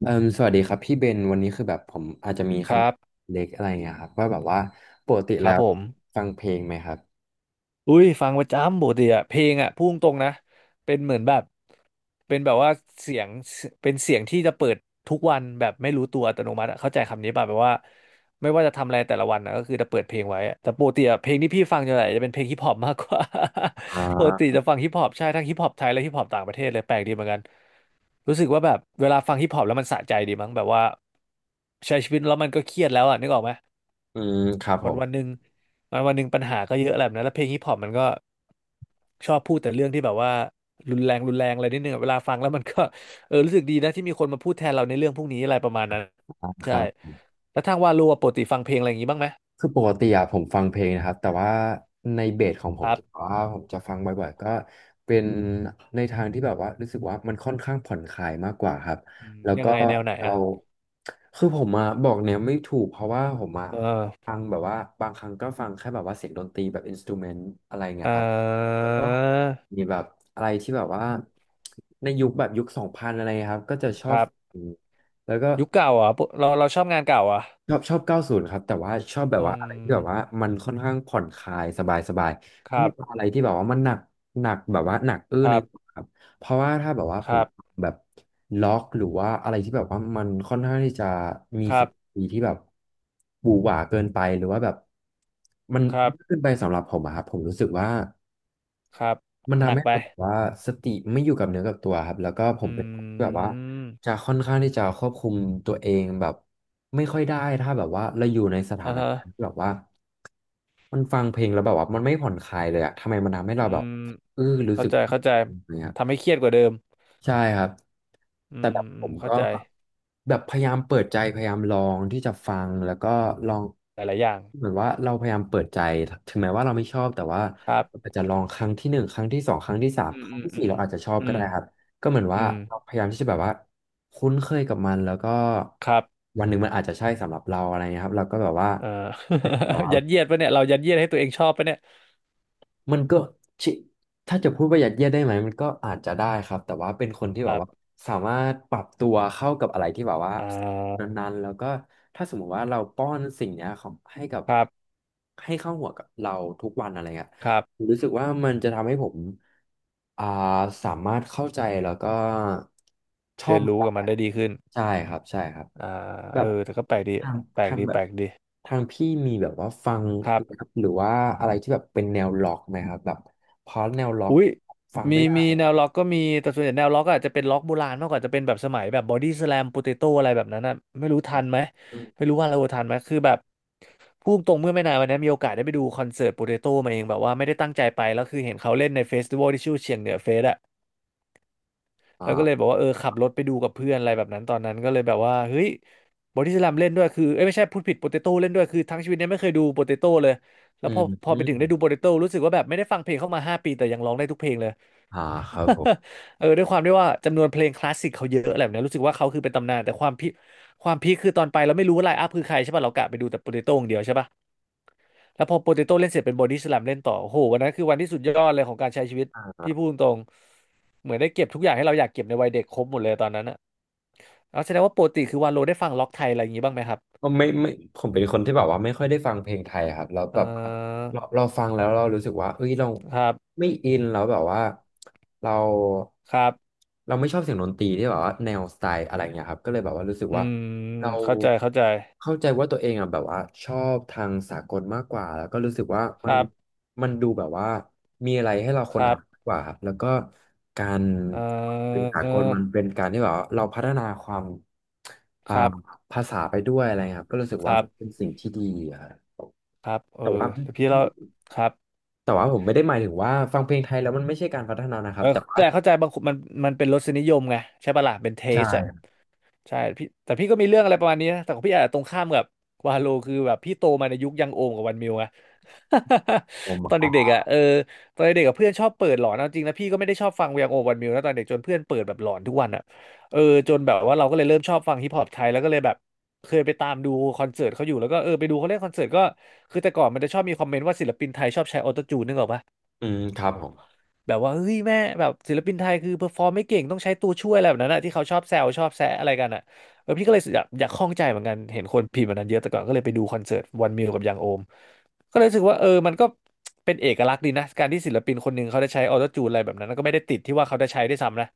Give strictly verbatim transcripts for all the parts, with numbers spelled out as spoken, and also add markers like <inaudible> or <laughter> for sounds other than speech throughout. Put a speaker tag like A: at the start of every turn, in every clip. A: เอ่มสวัสดีครับพี่เบนวันนี้คือแบบผมอาจจะมีค
B: ครับ
A: ำเล็กอะไรเงี้ยครับว่าแบบว่าปกติ
B: ค
A: แล้
B: รับ
A: ว
B: ผม
A: ฟังเพลงไหมครับ
B: อุ้ยฟังประจำปกติอะเพลงอะพุ่งตรงๆนะเป็นเหมือนแบบเป็นแบบว่าเสียงเป็นเสียงที่จะเปิดทุกวันแบบไม่รู้ตัวอัตโนมัติอะเข้าใจคำนี้ป่ะแบบว่าไม่ว่าจะทำอะไรแต่ละวันนะก็คือจะเปิดเพลงไว้อะแต่ปกติอะเพลงที่พี่ฟังจะไหนจะเป็นเพลงฮิปฮอปมากกว่า <laughs> ปกติจะฟังฮิปฮอปใช่ทั้งฮิปฮอปไทยและฮิปฮอปต่างประเทศเลยแปลกดีเหมือนกันรู้สึกว่าแบบเวลาฟังฮิปฮอปแล้วมันสะใจดีมั้งแบบว่าใช้ชีวิตแล้วมันก็เครียดแล้วอะนึกออกไหม
A: อืมครับผ
B: วัน
A: ม
B: วันหนึ่งวันวันหนึ่งปัญหาก็เยอะอะไรแบบนั้นแล้วเพลงฮิปฮอปมันก็ชอบพูดแต่เรื่องที่แบบว่ารุนแรงรุนแรงอะไรนิดนึงอะเวลาฟังแล้วมันก็ <laughs> เออรู้สึกดีนะที่มีคนมาพูดแทนเราในเรื่องพวกนี้อะไรประมาณนั้น
A: อ่าค
B: ใช่
A: รับ
B: แล้วทางวาโลอะปกติฟังเพลงอะไรอย่างนี้บ้างไหม
A: คือปกติอะผมฟังเพลงนะครับแต่ว่าในเบสของผ
B: ค
A: ม
B: รั
A: ที่
B: บ
A: ว่าผมจะฟังบ่อยๆก็เป็นในทางที่แบบว่ารู้สึกว่ามันค่อนข้างผ่อนคลายมากกว่าครับ
B: อืม
A: แล้ว
B: ยั
A: ก็
B: งไงแนวไหน
A: เรา
B: อ่ะ
A: คือผมอะบอกเนียไม่ถูกเพราะว่าผมอะ
B: เออ
A: ฟังแบบว่าบางครั้งก็ฟังแค่แบบว่าเสียงดนตรีแบบอินสตูเมนต์อะไรเงี้
B: เอ
A: ยครับ
B: อ
A: แล้วก็มีแบบอะไรที่แบบว่าในยุคแบบยุคสองพันอะไรครับก็จะชอ
B: ค
A: บ
B: รับ
A: แล้วก็
B: ยุคเก่าเหรอ่ะเราเราชอบงานเก่าเหรอ่ะ
A: ชอบชอบเก้าสูนครับแต่ว่าชอบแบ
B: อื
A: บว่าอะไรที่แบบว่า
B: ม
A: มันค่อนข้างผ่อนคลายสบายสบาย
B: ครั
A: ไม่เอา
B: บ
A: อะไรที่แบบว่ามันหนักหนักแบบว่าหนักอื้อ
B: ค
A: ใน
B: รับ
A: หัวครับเพราะว่าถ้าแบบว่า
B: ค
A: ผม
B: รับ
A: แบบล็อกหรือว่าอะไรที่แบบว่ามันค่อนข้างที่จะมี
B: ค
A: เสี
B: รั
A: ย
B: บ
A: งดนตรีที่แบบบูหวาเกินไปหรือว่าแบบมัน
B: ครับ
A: เกินไปสำหรับผมอะครับผมรู้สึกว่า
B: ครับ
A: มัน
B: ห
A: ทำ
B: นัก
A: ให้
B: ไป
A: เราแบบว่าสติไม่อยู่กับเนื้อกับตัวครับแล้วก็ผ
B: อื
A: มเป็นคนที่แบบว่าจะ
B: ม
A: ค่อนข้างที่จะควบคุมตัวเองแบบไม่ค่อยได้ถ้าแบบว่าเราอยู่ในสถา
B: อ่า
A: น
B: ฮะ
A: การณ์ที่แบบว่ามันฟังเพลงแล้วแบบว่ามันไม่ผ่อนคลายเลยอะทำไมมันทำให้
B: อื
A: เราแบบ
B: ม
A: เออรู้
B: เข้า
A: สึก
B: ใจเข้าใจทำให้เครียดกว่าเดิม
A: ใช่ครับ
B: อื
A: แต่
B: ม
A: แบบ
B: อื
A: ผ
B: ม
A: ม
B: เข้า
A: ก็
B: ใจ
A: แบบพยายามเปิดใจพยายามลองที่จะฟังแล้วก็ลอง
B: หลายๆอย่าง
A: เหมือนว่าเราพยายามเปิดใจถึงแม้ว่าเราไม่ชอบแต่ว่า
B: ครับ
A: เราอาจจะลองครั้งที่หนึ่งครั้งที่สองครั้งที่สา
B: อื
A: มค
B: ม
A: รั้
B: อื
A: ง
B: ม
A: ที่
B: อื
A: สี่
B: ม
A: เราอาจจะชอบ
B: อื
A: ก็
B: ม
A: ได้ครับก็เหมือน
B: อื
A: ว่า
B: ม
A: เราพยายามที่จะแบบว่าคุ้นเคยกับมันแล้วก็
B: ครับ
A: วันหนึ่งมันอาจจะใช่สำหรับเราอะไรเงี้ยครับเราก็แบบว่า
B: เอ่อ <laughs> ยัดเยียดปะเนี่ยเรายัดเยียดให้ตัวเองชอบปะเนี่ย
A: มันก็ชิถ้าจะพูดว่ายัดเยียดได้ไหมมันก็อาจจะได้ครับ แต่ว่าเป็นคนที่
B: ค
A: แบบ
B: รั
A: ว่า
B: บ
A: สามารถปรับตัวเข้ากับอะไรที่แบบว่า
B: อ่า
A: นั้นๆแล้วก็ถ้าสมมติว่าเราป้อนสิ่งเนี้ยของให้กับ
B: ครับ
A: ให้เข้าหัวกับเราทุกวันอะไรเงี้ย
B: ครับ
A: ผมรู้สึกว่ามันจะทำให้ผมอ่าสามารถเข้าใจแล้วก็ชอ
B: เรี
A: บ
B: ยน
A: มัน
B: รู้
A: ได้
B: กับมั
A: ค
B: น
A: รับ
B: ได้ดีขึ้น
A: ใช่ครับใช่ครับ
B: อ่า
A: แบ
B: เออ
A: บ
B: แต่ก็แปลกดี
A: ทาง
B: แปลก
A: ทาง
B: ดี
A: แบ
B: แป
A: บ
B: ลกดี
A: ทางพี่มีแบบว่าฟัง
B: ครั
A: ค
B: บ
A: รับหรือว่าอะไรที่แบบเป็นแนวล็อกไหมครับแบบเพราะแนวล็อก
B: อุ้ย
A: ฟัง
B: มี
A: ไม่ได้
B: มีแนวล็อกก็มีแต่ส่วนใหญ่แนวล็อกอาจจะเป็นล็อกโบราณมากกว่าจะเป็นแบบสมัยแบบบอดี้สแลมโปเตโต้อะไรแบบนั้นนะไม่รู้ทันไหม
A: อืม
B: ไม่รู้ว่าเราทันไหมคือแบบพูดตรงเมื่อไม่นานวันนี้มีโอกาสได้ไปดูคอนเสิร์ตโปเตโต้มาเองแบบว่าไม่ได้ตั้งใจไปแล้วคือเห็นเขาเล่นในเฟสติวัลที่ชื่อเชียงเหนือเฟสอะแล้วก็เลยบ
A: อ่า
B: อกว่าเออขับรถไปดูกับเพื่อนอะไรแบบนั้นตอนนั้นก็เลยแบบว่าเฮ้ยบอดี้สแลมเล่นด้วยคือเอ้ยไม่ใช่พูดผิดโปเตโต้เล่นด้วยคือทั้งชีวิตเนี้ไม่เคยดูโปเตโต้เลยแล้
A: อื
B: วพ
A: ม
B: อพอ
A: อื
B: ไปถึงได้ดู
A: ม
B: โปเตโต้รู้สึกว่าแบบไม่ได้ฟังเพลงเข้ามาห้าปีแต่ยังร้องได้ทุกเพลงเลย
A: อ่าครับผม
B: เออด้วยความที่ว่าจำนวนเพลงคลาสสิกเขาเยอะอะไรแบบเนี้ยรู้สึกว่าเขาคือเป็นตำนานแต่ความพีคความพีคคือตอนไปเราไม่รู้ว่าไลน์อัพคือใครใช่ป่ะ เรากะไปดูแต่โปเตโต้อย่างเดียวใช่ป่ะ แล้วพอโปเตโต้เล่นเสร็จเป็นบอดี้สแลมเล่นต่อโอ้โหวันนั้นคือวันที่สุดยอดเลยของการใช้ชีวิตพี่พูดตรงๆเหมือนได้เก็บทุกอย่างให้เราอยากเก็บในวัยเด็กครบหมดเลยตอนนั้นอะแล้วแสดงว่าปกติคือวาโลได้ฟังล็อกไทยอะไรอย่างงี้บ้างไหมครับ
A: ก็ไม่ไม่ผมเป็นคนที่แบบว่าไม่ค่อยได้ฟังเพลงไทยครับแล้ว
B: เอ
A: แบบ
B: อ
A: เราเราฟังแล้วเรารู้สึกว่าเอ้ยเรา
B: ครับ
A: ไม่อินแล้วแบบว่าเรา
B: ครับ
A: เราไม่ชอบเสียงดนตรีที่แบบว่าแนวสไตล์อะไรเงี้ยครับก็เลยแบบว่ารู้สึก
B: อื
A: ว่า
B: ม
A: เรา
B: เข้าใจเข้าใจ
A: เข้าใจว่าตัวเองอ่ะแบบว่าชอบทางสากลมากกว่าแล้วก็รู้สึกว่า
B: ค
A: มัน
B: รับ
A: มันดูแบบว่ามีอะไรให้เรา
B: ค
A: ค้น
B: รั
A: หา
B: บ
A: มากกว่าครับแล้วก็การ
B: เอ
A: เป็นสากล
B: อ
A: มันเป็นการที่แบบว่าเราพัฒนาความอ่า
B: ครับ
A: ภาษาไปด้วยอะไรเงี้ยครับก็รู้สึก
B: ค
A: ว่า
B: รั
A: มันเป็น
B: บ
A: สิ่งที่ดีอะครับ
B: ครับเออ
A: แต่ว่า
B: แต่พี่เราครับ
A: แต่ว่าผมไม่ได้หมายถึงว่าฟังเพลงไทยแล้วมันไม่ใช่การพัฒนานะค
B: เอ
A: รับ
B: อ
A: แต่ว่า
B: แต่เข้าใจบางคนมันมันเป็นรสนิยมไงใช่ปะล่ะเป็นเท
A: ใช่
B: สอะ
A: คร
B: ใช่พี่แต่พี่ก็มีเรื่องอะไรประมาณนี้นะแต่ของพี่อาจจะตรงข้ามกับวาโลคือแบบพี่โตมาในยุคยังโอมกับวันมิวไง
A: ับผม
B: <laughs> ตอน
A: อ่
B: เด็ก
A: ะ
B: ๆอะเออตอนเด็กกับเพื่อนชอบเปิดหลอนเอาจริงนะพี่ก็ไม่ได้ชอบฟังยังโอมวันมิวนะตอนเด็กจนเพื่อนเปิดแบบหลอนทุกวันอะเออจนแบบว่าเราก็เลยเริ่มชอบฟังฮิปฮอปไทยแล้วก็เลยแบบเคยไปตามดูคอนเสิร์ตเขาอยู่แล้วก็เออไปดูเขาเล่นคอนเสิร์ตก็คือแต่ก่อนมันจะชอบมีคอมเมนต์ว่าศิลปินไทยชอบใช้ออโตจูนนึกออกปะ
A: อืมครับผม
B: แบบว่าเฮ้ยแม่แบบศิลปินไทยคือเพอร์ฟอร์มไม่เก่งต้องใช้ตัวช่วยอะไรแบบนั้นอะที่เขาชอบแซวชอบแซะอะไรกันอะแบบพี่ก็เลยอยากอยากข้องใจเหมือนกันเห็นคนพิมพ์แบบนั้นเยอะแต่ก่อนก็เลยไปดูคอนเสิร์ตวันมิวกับยังโอมก็เลยรู้สึกว่าเออมันก็เป็นเอกลักษณ์ดีนะการที่ศิลปินคนหนึ่งเขาได้ใช้ออโต้จูนอะไรแบบนั้นก็ไม่ได้ติดที่ว่าเขาได้ใช้ด้วยซ้ำนะ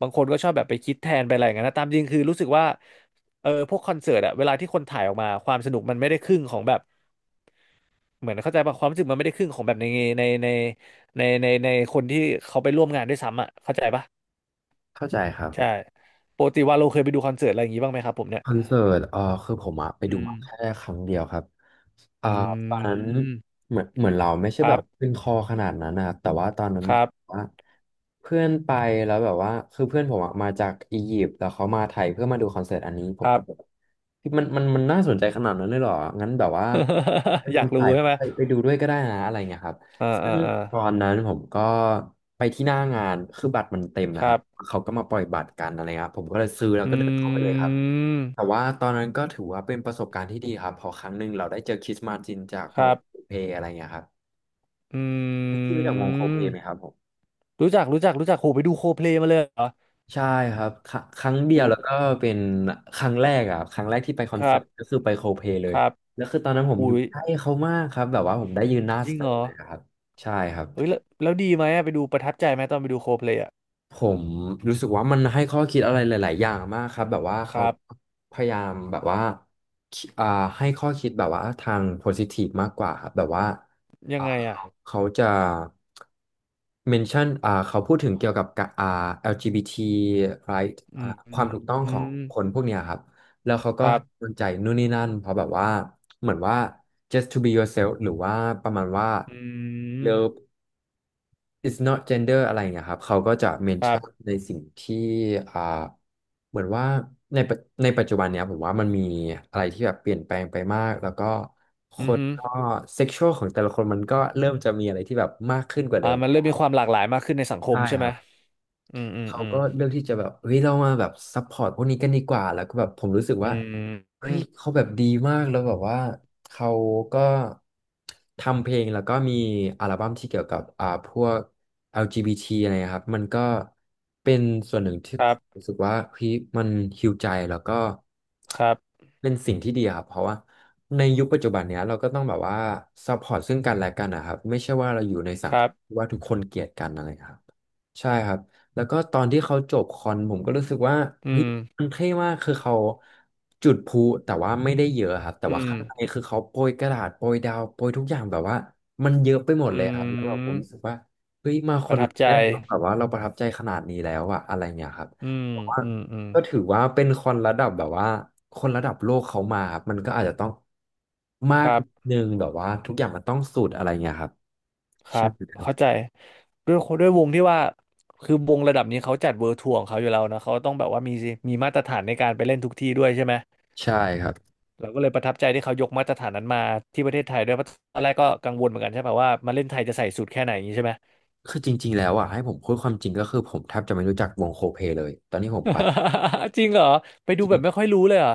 B: บางคนก็ชอบแบบไปคิดแทนไปอะไรอย่างนั้นนะตามจริงคือรู้สึกว่าเออพวกคอนเสิร์ตอะเวลาที่คนถ่ายออกมาความสนุกมันไม่ได้ครึ่งของแบบ เหมือนเข้าใจป่ะความรู้สึกมันไม่ได้ครึ่งของแบบในในในในในในคนที่เขาไปร่วมงานด้วยซ้ำอ่ะเข้าใจป่ะ
A: เข้าใจครับผ
B: ใช่
A: ม
B: ปกติว่าเราเคยไปดูคอนเสิร์ตอะไรอย่างงี้บ้างไหมครับผมเนี่ย
A: คอนเสิร์ตเออคือผมอะไป
B: อื
A: ดูมาแค่
B: ม
A: ครั้งเดียวครับอ่า
B: อื
A: ตอนนั้น
B: ม
A: เหมือนเหมือนเราไม่ใช่
B: ค
A: แบ
B: รั
A: บ
B: บ
A: ขึ้นคอขนาดนั้นนะครับแต่ว่าตอนนั้น
B: ครับ
A: ว่าเพื่อนไปแล้วแบบว่าคือเพื่อนผมอะมาจากอียิปต์แล้วเขามาไทยเพื่อมาดูคอนเสิร์ตอันนี้ผ
B: ค
A: ม
B: รั
A: ก็
B: บ
A: แบบ พี่มันมันมันน่าสนใจขนาดนั้นเลยเหรองั้นแบบว่าไป
B: <laughs> อ
A: ยอ
B: ยา
A: ม
B: กรู้
A: ถ่าย
B: ใช่
A: ภา
B: ไห
A: พ
B: ม
A: ไปดูด้วยก็ได้นะอะไรเงี้ยครับ
B: อ่า
A: ซึ่
B: อ่า
A: ง
B: อ่า
A: ตอนนั้นผมก็ไปที่หน้างานคือบัตรมันเต็ม
B: ค
A: นะครั
B: รั
A: บ
B: บ
A: เขาก็มาปล่อยบัตรกันอะไรเงี้ยครับผมก็เลยซื้อแล้ว
B: อื
A: ก็เดินเข้าไปเลยครับ
B: ม
A: แต่ว่าตอนนั้นก็ถือว่าเป็นประสบการณ์ที่ดีครับเพอครั้งหนึ่งเราได้เจอคริสมาจินจาก
B: ค
A: ว
B: รั
A: ง
B: บ
A: โคเพลอะไรเงี้ยครับ
B: อื
A: พี่รู้จักวงโคเพลไหมครั
B: ม
A: บผม
B: รู้จักรู้จักรู้จักโหไปดูโคเพลมาเลยเหรอ
A: ใช่ครับครัครั้งเดียว
B: อุ้ย
A: แล้วก็เป็นครั้งแรกอะครับครั้งแรกที่ไปคอ
B: ค
A: น
B: รั
A: เสิร์
B: บ
A: ตก็คือไปโคเพเล
B: ค
A: ย
B: รับ
A: แล้วคือตอนนั้นผมอ
B: อุ้
A: ยู่
B: ย
A: ใกล้เขามากครับแบบว่าผมได้ยืนหน้า
B: จ
A: ส
B: ริง
A: เต
B: เหร
A: จ
B: อ
A: เลยครับใช่ครับ
B: เฮ้ยแล้วแล้วดีไหมอะไปดูประทับใจไหมตอนไปดูโคเพลอะ
A: ผมรู้สึกว่ามันให้ข้อคิดอะไรหลายๆอย่างมากครับแบบว่า
B: ค
A: เขา
B: รับ
A: พยายามแบบว่าคิอ่าให้ข้อคิดแบบว่าทางโพซิทีฟมากกว่าครับแบบว่า
B: ยั
A: อ่า
B: งไงอ่ะ
A: เขาจะเมนชั่นอ่าเขาพูดถึงเกี่ยวกับกะอ่า แอล จี บี ที right
B: อื
A: อ่า
B: ม
A: ความถูกต้อง
B: อื
A: ของ
B: ม
A: คนพวกเนี้ยครับแล้วเขาก็
B: ครั
A: ให้
B: บ
A: กำลังใจนู่นนี่นั่นเพราะแบบว่าเหมือนว่า just to be yourself หรือว่าประมาณว่า
B: อืม
A: love it's not gender อะไรอย่างเงี้ยครับเขาก็จะเมน
B: ครั
A: ชั่น
B: บ
A: ในสิ่งที่อ่าเหมือนว่าในปัจในปัจจุบันเนี้ยผมว่ามันมีอะไรที่แบบเปลี่ยนแปลงไปมากแล้วก็ค
B: อือ
A: น
B: ฮึ
A: ก็เซ็กชวลของแต่ละคนมันก็เริ่มจะมีอะไรที่แบบมากขึ้นกว่าเดิ
B: อ่า
A: ม
B: มันเริ่มมีความหลากหลายมากขึ้นในสังค
A: ใช่
B: มใช่
A: ค
B: ไหม
A: รับ
B: อืมอืม
A: เขา
B: อืม
A: ก็เลือกที่จะแบบเฮ้ยเรามาแบบซัพพอร์ตพวกนี้กันดีกว่าแล้วก็แบบผมรู้สึก
B: อื
A: ว่า
B: ม
A: เฮ้
B: อื
A: ย
B: ม
A: เขาแบบดีมากแล้วแบบว่าเขาก็ทำเพลงแล้วก็มีอัลบั้มที่เกี่ยวกับอ่าพวก แอล จี บี ที อลจีบีทีอะไรนะครับมันก็เป็นส่วนหนึ่งที่
B: ค
A: ผ
B: รั
A: มรู้
B: บ
A: สึกว่าเฮ้ยมันฮีลใจแล้วก็
B: ครับ
A: เป็นสิ่งที่ดีอะครับเพราะว่าในยุคปัจจุบันเนี้ยเราก็ต้องแบบว่าซัพพอร์ตซึ่งกันและกันนะครับไม่ใช่ว่าเราอยู่ในสั
B: ค
A: งค
B: รั
A: ม
B: บ
A: ที่ว่าทุกคนเกลียดกันอะไรครับ ใช่ครับแล้วก็ตอนที่เขาจบคอนผมก็รู้สึกว่า
B: อื
A: เฮ้ย
B: ม
A: มันเท่มากคือเขาจุดพลุแต่ว่าไม่ได้เยอะครับแต่
B: อื
A: ว่า
B: ม
A: ข้างในคือเขาโปรยกระดาษโปรยดาวโปรยทุกอย่างแบบว่ามันเยอะไปหมด
B: อื
A: เลยครับแล้วแบบผม
B: ม
A: รู้สึกว่าเฮ้ยมาค
B: ป
A: อ
B: ระ
A: น
B: ทับใจ
A: แรกเราแบบว่าเราประทับใจขนาดนี้แล้วอะอะไรเงี้ยครับ
B: อืม
A: เพราะว่า
B: อืมอืม
A: ก็ถือว่าเป็นคอนระดับแบบว่าคนระดับโลกเขามาครับมันก็อาจจะต้องมา
B: ค
A: ก
B: รับ
A: นิดนึงแบบว่าทุกอย่างมันต้องสุดอะไรเงี้ยครับ
B: ครั
A: ใช่
B: บ
A: ครั
B: เข้า
A: บ
B: ใจด้วยด้วยวงที่ว่าคือวงระดับนี้เขาจัดเวิร์ทัวร์ของเขาอยู่แล้วนะ เขาต้องแบบว่ามีมีมาตรฐานในการไปเล่นทุกที่ด้วยใช่ไหม
A: ใช่ครับ
B: เราก็เลยประทับใจที่เขายกมาตรฐานนั้นมาที่ประเทศไทยด้วยเพราะตอนแรกก็กังวลเหมือนกันใช่ป่ะว่ามาเล่นไทยจะใส่สูตรแค่ไหนอย่างนี้ใช่ไหม
A: คือจริงๆแล้วอ่ะให้ผมพูดความจริงก็คือผมแทบจะไม่รู้จักวงโคเพเลยตอนนี้ผมไป
B: <laughs> จริงเหรอไปดูแบบไม่ค่อยรู้เลยเหรอ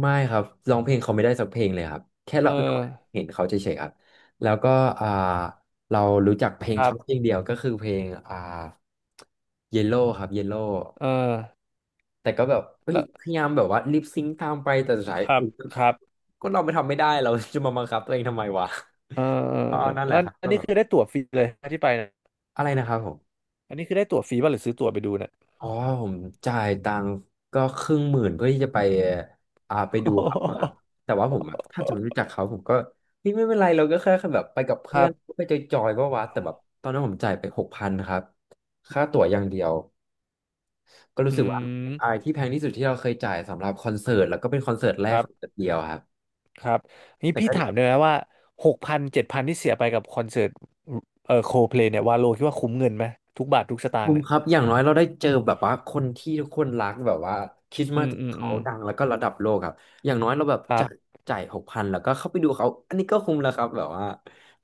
A: ไม่ครับร้องเพลงเขาไม่ได้สักเพลงเลยครับแค่
B: เอ
A: เรา
B: อ
A: เห็นเขาเฉยๆครับแล้วก็อ่าเรารู้จักเพลง
B: ครั
A: เขา
B: บ
A: เพลงเดียวก็คือเพลงอ่าเยลโล่ครับเยลโล่
B: เออ
A: แต่ก็แบบเฮ้ย
B: แล้ว
A: พยายามแบบว่าลิปซิงค์ตามไปแต่สุดท้าย
B: ครับ
A: อุ๊ย
B: ครับ
A: ก็เราไม่ทำไม่ได้เราจะมาบังคับตัวเองทำไมวะ
B: เออ
A: ก็นั่นแห
B: แล้
A: ละ
B: ว
A: ครับ
B: อั
A: ก็
B: นนี้
A: แบบ
B: คือได้ตั๋วฟรีเลยที่ไปนะ
A: อะไรนะครับผม
B: อันนี้คือได้ตั๋วฟรีป่ะหรือซื้อตั๋วไปดูเนี่ย
A: อ๋อผมจ่ายตังค์ก็ครึ่งหมื่นเพื่อที่จะไปอ่าไปดูครับมาครับแต่ว่าผมแบบถ้าจะไม่รู้จักเขาผมก็เฮ้ยไม่เป็นไรเราก็แค่แบบไปกับ
B: <laughs> ค
A: เพื่อ
B: รั
A: น
B: บ
A: ไปจอยๆว่าวะแต่แบบตอนนั้นผมจ่ายไปหกพันครับค่าตั๋วอย่างเดียวก็รู้
B: อื
A: สึกว่าเป็นอาย
B: ม
A: ที่แพงที่สุดที่เราเคยจ่ายสำหรับคอนเสิร์ตแล้วก็เป็นคอนเสิร์ตแร
B: ค
A: ก
B: รับ
A: คอนเสิร์ตเดียวครับ
B: ครับนี่
A: แต่
B: พี่
A: ก็
B: ถามได้ไหมว่าหกพันเจ็ดพันที่เสียไปกับคอนเสิร์ตเอ่อโคเพลเนี่ยวาโลคิดว่าคุ้มเงินไหมทุกบาททุกสตาง
A: คุ้
B: ค์
A: ม
B: เนี่ย
A: ครับอย่างน้อยเราได้เจอแบบว่าคนที่ทุกคนรักแบบว่าคริสต์
B: อื
A: มาส
B: มอืม
A: เขา
B: อืม
A: ดังแล้วก็ระดับโลกครับอย่างน้อยเราแบบ
B: ครับ
A: จ่ายจ่ายหกพันแล้วก็เข้าไปดูเขาอันนี้ก็คุ้มแล้วครับแบบว่า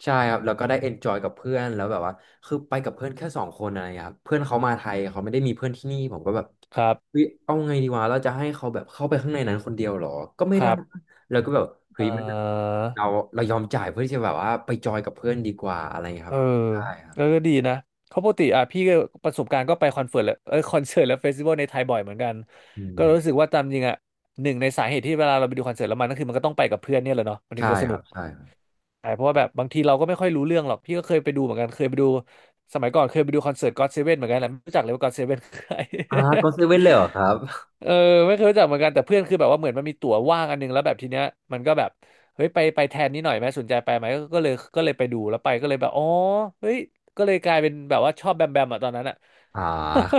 A: ใช่ครับแล้วก็ได้เอนจอยกับเพื่อนแล้วแบบว่าคือไปกับเพื่อนแค่สองคนอะไรเครับเพื่อนเขามาไทยเขาไม่ได้มีเพื่อนที่นี่ผมก็แบบ
B: ครับ
A: เฮ้ยเอาไงดีวะเราจะให้เขาแบบเข้าไปข้างในนั้นคนเดียวเหรอก็ไม่
B: ค
A: ได้
B: รับ
A: แล้วก็แบบเฮ้
B: เอ
A: ยไม่ได้
B: อ
A: เราเรายอมจ่ายเพื่อที่จะแบบว่าไปจอยกับเพื่อนดีกว่าอะไรอย่างเงี้ยค
B: เออ
A: รับใช่ครับ
B: เออก็ดีนะเขาะปกติอ่ะพี่ก็ประสบการณ์ก็ไปคอนเสิร์ตและเออคอนเสิร์ตและเฟสติวัลในไทยบ่อยเหมือนกัน
A: อื
B: ก็
A: ม
B: รู้สึกว่าตามจริงอ่ะหนึ่งในสาเหตุที่เวลาเราไปดูคอนเสิร์ตแล้วมันก็คือมันก็ต้องไปกับเพื่อนเนี่ยแหละเนาะมันถึ
A: ใช่
B: งจะส
A: ค
B: นุ
A: รั
B: ก
A: บใช่
B: ใช่เพราะว่าแบบบางทีเราก็ไม่ค่อยรู้เรื่องหรอกพี่ก็เคยไปดูเหมือนกันเคยไปดูสมัยก่อนเคยไปดูคอนเสิร์ตก็อดเซเว่นเหมือนกันแหละไม่รู้จักเลยว่าก็อดเซเว่นคือใคร
A: อ่าก็เซเว่นเลยเหรอครับ
B: เออไม่เคยรู้จักเหมือนกันแต่เพื่อนคือแบบว่าเหมือนมันมีตั๋วว่างอันนึงแล้วแบบทีเนี้ยมันก็แบบเฮ้ยไปไปแทนนี้หน่อยไหมสนใจไปไหมก็ก็เลยก็เลยไปดูแล้วไปก็เลยแบบอ๋อเฮ้ยก็เลยกลายเป็นแบบว่าชอบแบมแบมอะตอนนั้นอะ
A: อ่า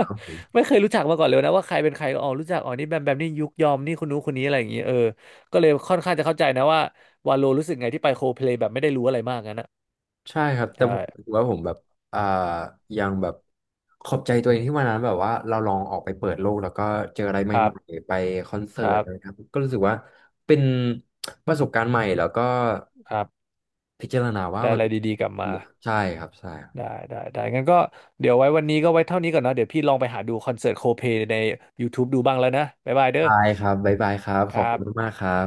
A: ครับผม
B: ไม่เคยรู้จักมาก่อนเลยนะว่าใครเป็นใครก็อ๋อรู้จักอ๋อนี่แบมแบมนี่ยุคยอมนี่คนนู้นคนนี้อะไรอย่างเงี้ยเออก็เลยค่อนข้างจะเข้าใจนะว่าวาโลรู้สึกไงที่ไปโคเพลย์แบบไม่ได้รู้อะไรมากงั้นนะ
A: ใช่ครับ แต่
B: ใช่
A: ผมรู้สึกว่าผมแบบอ่ายังแบบขอบใจตัวเองที่วันนั้นแบบว่าเราลองออกไปเปิดโลกแล้วก็เจออะไรให
B: ครั
A: ม่
B: บ
A: ๆไปคอนเสิ
B: ค
A: ร์ต
B: รั
A: อะไร
B: บ
A: ครับก็รู้สึกว่าเป็นประสบการณ์ใหม่แล้วก็
B: ครับ
A: พิจารณาว่า
B: ได้
A: มัน
B: อะไร
A: เป็นสิ่
B: ดี
A: ง
B: ๆกลับ
A: ที่ดี
B: มา
A: อะใช่ครับใช่ครับ
B: ได้ได้ได้งั้นก็เดี๋ยวไว้วันนี้ก็ไว้เท่านี้ก่อนเนาะเดี๋ยวพี่ลองไปหาดูคอนเสิร์ตโคเพใน ยูทูบ ดูบ้างแล้วนะบ๊ายบายเด้อ
A: ใช่ครับบ๊ายบายครับ ข
B: ค
A: อบ
B: รับ
A: คุณมากๆครับ